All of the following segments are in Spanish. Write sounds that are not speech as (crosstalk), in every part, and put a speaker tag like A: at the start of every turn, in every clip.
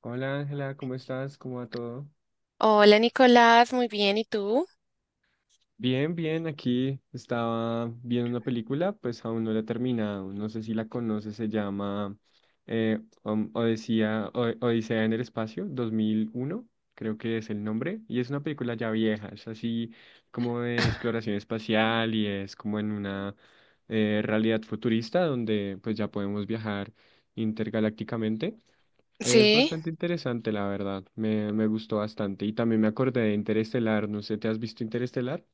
A: Hola Ángela, ¿cómo estás? ¿Cómo va todo?
B: Hola Nicolás, muy bien, ¿y tú?
A: Bien, bien, aquí estaba viendo una película, pues aún no la he terminado, no sé si la conoces, se llama Odisea, Odisea en el espacio, 2001 creo que es el nombre, y es una película ya vieja, es así como de
B: (laughs)
A: exploración espacial y es como en una realidad futurista donde pues ya podemos viajar intergalácticamente. Es
B: Sí,
A: bastante interesante, la verdad. Me gustó bastante. Y también me acordé de Interestelar. No sé, ¿te has visto Interestelar?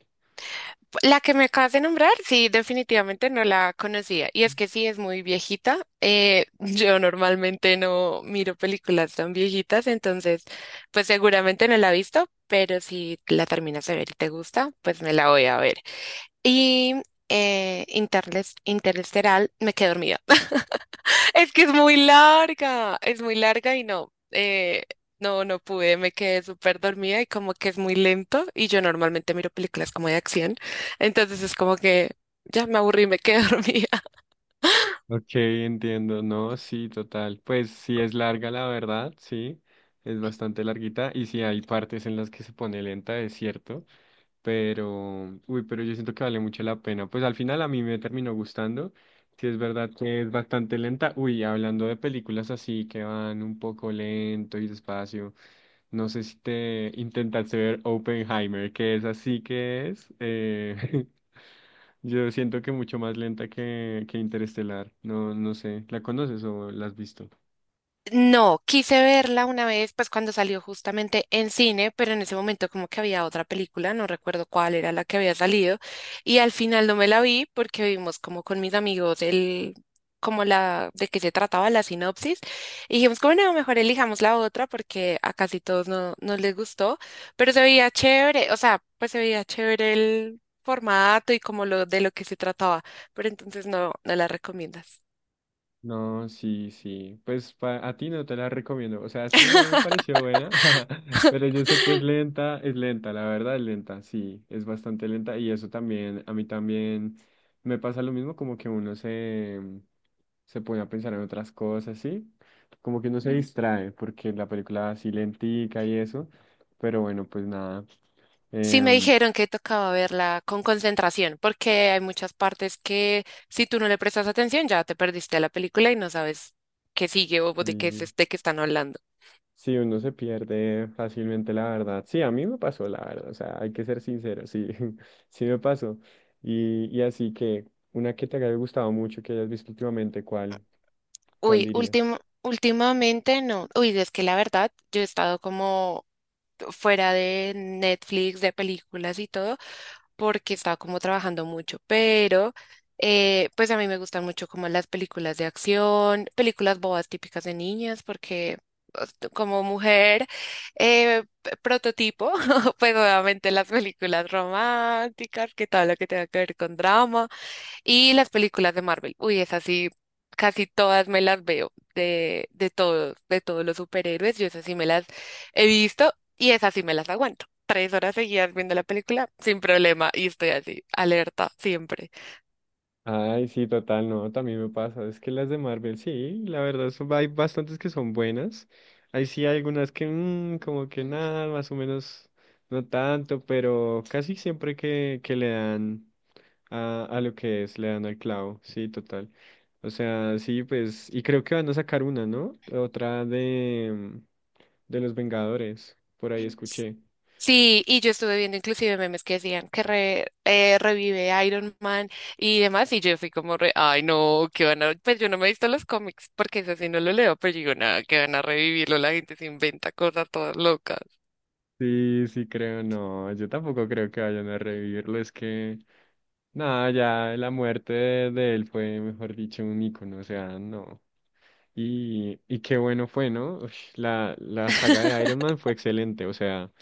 B: la que me acabas de nombrar, sí, definitivamente no la conocía. Y es que sí, es muy viejita. (laughs) Yo normalmente no miro películas tan viejitas, entonces, pues seguramente no la he visto, pero si la terminas de ver y te gusta, pues me la voy a ver. Y Interesteral, me quedé dormida. (laughs) Es que es muy larga y no, no pude, me quedé súper dormida y como que es muy lento y yo normalmente miro películas como de acción, entonces es como que ya me aburrí, me quedé (laughs) dormida.
A: Ok, entiendo, no, sí, total. Pues sí es larga, la verdad, sí, es bastante larguita y sí hay partes en las que se pone lenta, es cierto, pero, uy, pero yo siento que vale mucho la pena. Pues al final a mí me terminó gustando, sí es verdad que es bastante lenta. Uy, hablando de películas así que van un poco lento y despacio, no sé si te intentaste ver Oppenheimer, que es así que es. (laughs) Yo siento que mucho más lenta que Interestelar. No, no sé. ¿La conoces o la has visto?
B: No, quise verla una vez, pues cuando salió justamente en cine, pero en ese momento como que había otra película, no recuerdo cuál era la que había salido, y al final no me la vi porque vimos como con mis amigos el, como la, de qué se trataba la sinopsis, y dijimos como no, mejor elijamos la otra porque a casi todos no, no les gustó, pero se veía chévere, o sea, pues se veía chévere el formato y como lo de lo que se trataba, pero entonces no, no la recomiendas.
A: No, sí, sí. Pues a ti no te la recomiendo. O sea, sí, a mí me pareció buena, (laughs) pero yo sé que es lenta, la verdad es lenta, sí, es bastante lenta y eso también, a mí también me pasa lo mismo, como que se pone a pensar en otras cosas, ¿sí? Como que uno se distrae porque la película así lentica y eso, pero bueno, pues nada.
B: Sí me
A: em,
B: dijeron que tocaba verla con concentración, porque hay muchas partes que si tú no le prestas atención ya te perdiste la película y no sabes qué sigue o de qué es
A: sí.
B: este que están hablando.
A: Sí, uno se pierde fácilmente, la verdad. Sí, a mí me pasó, la verdad. O sea, hay que ser sincero, sí, (laughs) sí me pasó. Y así que, una que te haya gustado mucho, que hayas visto últimamente, ¿cuál
B: Uy,
A: dirías?
B: último, últimamente no. Uy, es que la verdad, yo he estado como fuera de Netflix, de películas y todo, porque estaba como trabajando mucho, pero pues a mí me gustan mucho como las películas de acción, películas bobas típicas de niñas, porque pues, tú como mujer prototipo, (laughs) pues obviamente las películas románticas, que todo lo que tenga que ver con drama. Y las películas de Marvel. Uy, esas sí, casi todas me las veo de todos los superhéroes. Yo esas sí me las he visto y esas sí me las aguanto. Tres horas seguidas viendo la película sin problema y estoy así, alerta siempre.
A: Ay, sí, total, no, también me pasa. Es que las de Marvel, sí, la verdad, hay bastantes que son buenas. Ahí sí hay algunas que, mm, como que nada, más o menos, no tanto, pero casi siempre que le dan. A lo que es, le dan al clavo, sí, total. O sea, sí, pues, y creo que van a sacar una, ¿no? Otra de los Vengadores, por ahí escuché.
B: Sí, y yo estuve viendo inclusive memes que decían que revive Iron Man y demás, y yo fui como re, ay no, que van a, pues yo no me he visto los cómics, porque eso sí no lo leo, pero digo, nada, que van a revivirlo, la gente se inventa cosas todas locas,
A: Sí, sí, creo, no, yo tampoco creo que vayan a revivirlo, es que, nada, ya la muerte de él fue, mejor dicho, un icono, o sea, no. Y qué bueno fue, ¿no? Ush, la saga de Iron Man fue excelente, o sea.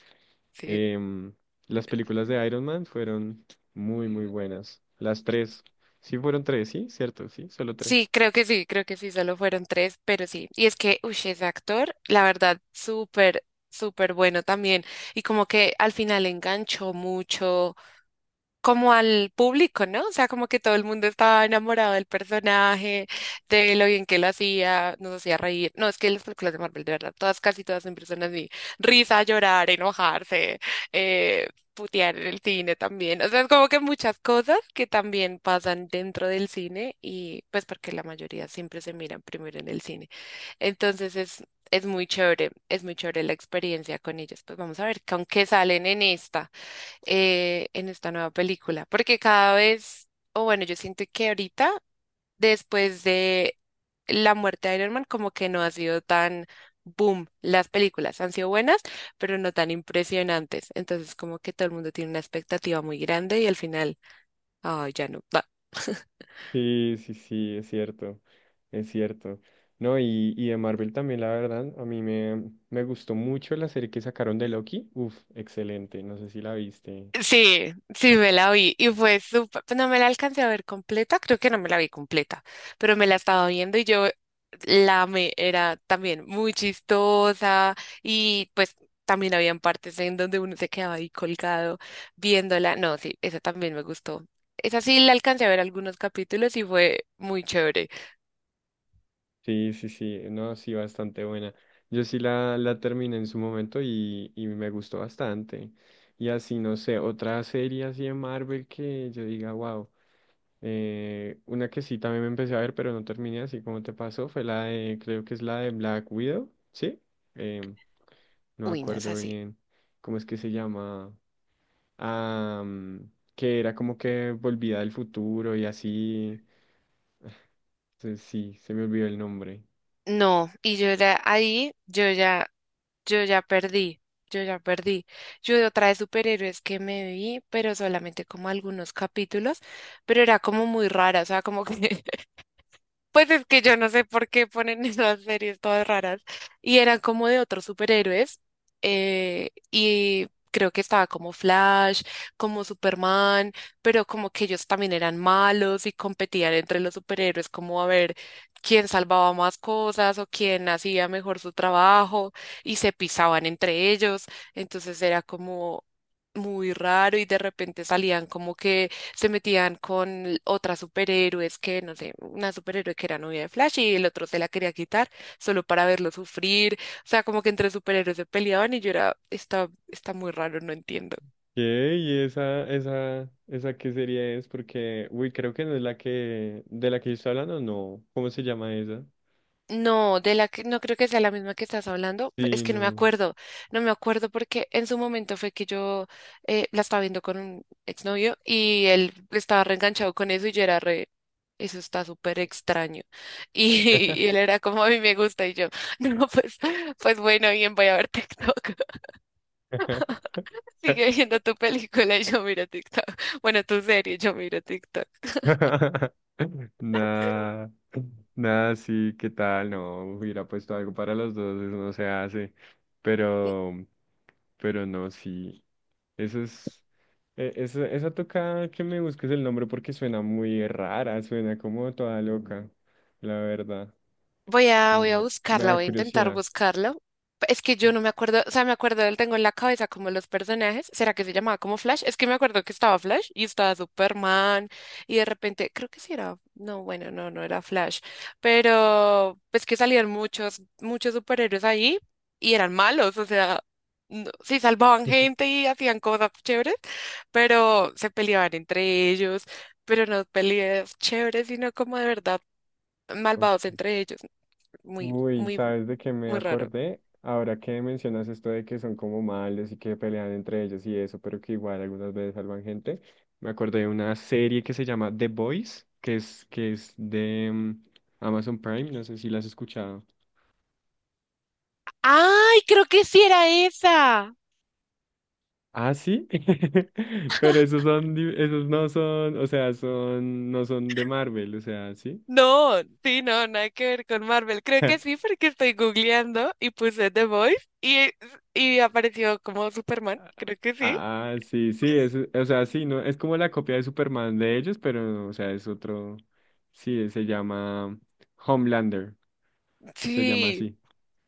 B: sí.
A: Em, las películas de Iron Man fueron muy, muy buenas. Las tres. Sí, fueron tres, sí, cierto, sí, solo tres.
B: Sí, creo que sí, creo que sí, solo fueron tres, pero sí. Y es que, uy, ese actor, la verdad, súper, súper bueno también. Y como que al final enganchó mucho como al público, ¿no? O sea, como que todo el mundo estaba enamorado del personaje, de lo bien que lo hacía, nos hacía reír. No, es que las películas de Marvel, de verdad, todas, casi todas siempre son así. Risa, llorar, enojarse, putear en el cine también. O sea, es como que muchas cosas que también pasan dentro del cine y pues porque la mayoría siempre se miran primero en el cine. Entonces es muy chévere la experiencia con ellos. Pues vamos a ver con qué salen en esta nueva película, porque cada vez, o bueno, yo siento que ahorita, después de la muerte de Iron Man, como que no ha sido tan boom. Las películas han sido buenas, pero no tan impresionantes. Entonces, como que todo el mundo tiene una expectativa muy grande y al final, ay, ya no. (laughs)
A: Sí, sí, sí, es cierto, es cierto. No, y de Marvel también, la verdad, a mí me gustó mucho la serie que sacaron de Loki. Uf, excelente, no sé si la viste.
B: Sí, sí, me la vi y fue súper, pues no me la alcancé a ver completa, creo que no me la vi completa, pero me la estaba viendo y yo la amé, era también muy chistosa y pues también habían partes en donde uno se quedaba ahí colgado viéndola, no, sí, esa también me gustó, esa sí la alcancé a ver algunos capítulos y fue muy chévere,
A: Sí, sí, sí, no, sí, bastante buena. Yo sí la terminé en su momento y me gustó bastante. Y así, no sé, otra serie así de Marvel que yo diga, wow. Una que sí también me empecé a ver, pero no terminé, así como te pasó, fue la de, creo que es la de Black Widow, ¿sí? Em, no me
B: uy, no es
A: acuerdo
B: así,
A: bien cómo es que se llama. Ah, mm, que era como que volvía del futuro y así. Sí, se me olvidó el nombre.
B: no, y yo ya ahí, yo ya perdí, yo ya perdí. Yo de otra de superhéroes que me vi, pero solamente como algunos capítulos, pero era como muy rara, o sea, como que (laughs) pues es que yo no sé por qué ponen (laughs) esas series todas raras. Y eran como de otros superhéroes. Y creo que estaba como Flash, como Superman, pero como que ellos también eran malos y competían entre los superhéroes, como a ver quién salvaba más cosas o quién hacía mejor su trabajo y se pisaban entre ellos. Entonces era como muy raro y de repente salían como que se metían con otras superhéroes que, no sé, una superhéroe que era novia de Flash y el otro se la quería quitar solo para verlo sufrir. O sea, como que entre superhéroes se peleaban y yo era, está muy raro, no entiendo.
A: ¿Qué? ¿Y esa qué serie es? Porque, uy, creo que no es la que, de la que yo estoy hablando, no. ¿Cómo se llama esa?
B: No, de la que no creo que sea la misma que estás hablando, es
A: Sí,
B: que no me
A: no.
B: acuerdo, no me acuerdo porque en su momento fue que yo la estaba viendo con un exnovio y él estaba reenganchado con eso y yo era re, eso está súper extraño. Y (laughs) y él era como a mí me gusta y yo (laughs) no, pues, pues bueno, bien, voy a ver TikTok, (laughs) sigue
A: (laughs)
B: viendo tu película y yo miro TikTok, (laughs) bueno, tu serie, y yo miro TikTok.
A: Nada, nada, sí, ¿qué tal? No, hubiera puesto algo para los dos, eso no se hace.
B: Y-
A: Pero, pero no, sí. Eso es, esa, esa toca que me busques el nombre porque suena muy rara, suena como toda loca, la verdad.
B: Voy a
A: Y me
B: buscarla,
A: da
B: voy a intentar
A: curiosidad.
B: buscarlo. Es que yo no me acuerdo, o sea, me acuerdo del tengo en la cabeza como los personajes. ¿Será que se llamaba como Flash? Es que me acuerdo que estaba Flash y estaba Superman y de repente, creo que sí era, no, bueno, no, no era Flash, pero pues que salían muchos, muchos superhéroes ahí y eran malos, o sea, no- sí salvaban gente
A: (laughs)
B: y hacían cosas chéveres, pero se peleaban entre ellos, pero no peleas chéveres, sino como de verdad malvados
A: Ok.
B: entre ellos. Muy,
A: Uy,
B: muy,
A: ¿sabes de qué me
B: muy raro.
A: acordé? Ahora que mencionas esto de que son como malos y que pelean entre ellos y eso, pero que igual algunas veces salvan gente, me acordé de una serie que se llama The Boys, que es de mm, Amazon Prime, no sé si la has escuchado.
B: ¡Ay! Creo que sí era esa.
A: Ah, sí, (laughs) pero esos son, esos no son, o sea, son, no son de Marvel, o sea, sí.
B: No, sí, no, nada que ver con Marvel. Creo que
A: (laughs)
B: sí, porque estoy googleando y puse The Voice y apareció como Superman. Creo que sí.
A: Ah, ah, sí, sí, es, o sea, sí, no, es como la copia de Superman de ellos, pero, o sea, es otro, sí, se llama Homelander, se llama
B: Sí,
A: así,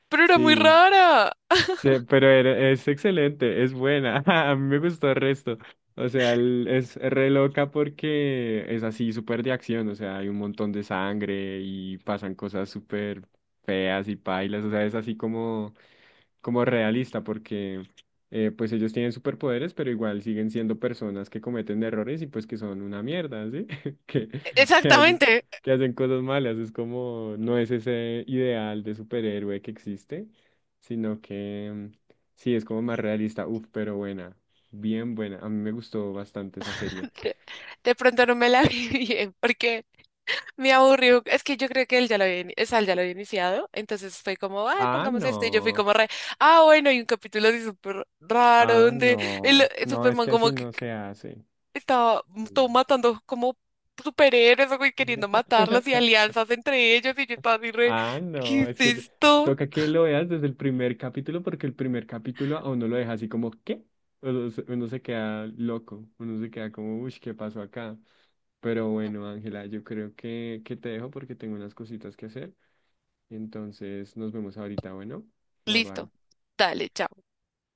B: pero era muy
A: sí,
B: raro.
A: sí, pero es excelente, es buena, (laughs) a mí me gustó el resto, o sea, es re loca porque es así, súper de acción, o sea, hay un montón de sangre y pasan cosas súper feas y pailas, o sea, es así como como realista, porque pues ellos tienen superpoderes, pero igual siguen siendo personas que cometen errores y pues que son una mierda, ¿sí? (laughs) Que, que hacen,
B: Exactamente.
A: que hacen cosas malas. Es como, no es ese ideal de superhéroe que existe, sino que mm, sí, es como más realista. Uf, pero buena, bien buena. A mí me gustó bastante esa serie.
B: (laughs) De pronto no me la (laughs) vi bien, porque me aburrió, es que yo creo que él ya lo había, o sea, él ya lo había iniciado, entonces fue como, ay,
A: Ah,
B: pongamos esto, y yo fui
A: no,
B: como re, ah, bueno, hay un capítulo así súper raro,
A: ah,
B: donde
A: no,
B: el
A: no, es
B: Superman
A: que
B: como
A: así
B: que
A: no se hace.
B: estaba todo
A: Sí.
B: matando como superhéroes, o güey, queriendo matarlos, y
A: (laughs)
B: alianzas entre ellos, y yo estaba así re,
A: Ah,
B: ¿qué
A: no,
B: es
A: es que
B: esto?
A: toca que lo veas desde el primer capítulo porque el primer capítulo a uno lo deja así como, ¿qué? Uno se queda loco, uno se queda como, uy, ¿qué pasó acá? Pero bueno, Ángela, yo creo que te dejo porque tengo unas cositas que hacer. Entonces nos vemos ahorita, bueno, bye
B: Listo,
A: bye.
B: dale, chao.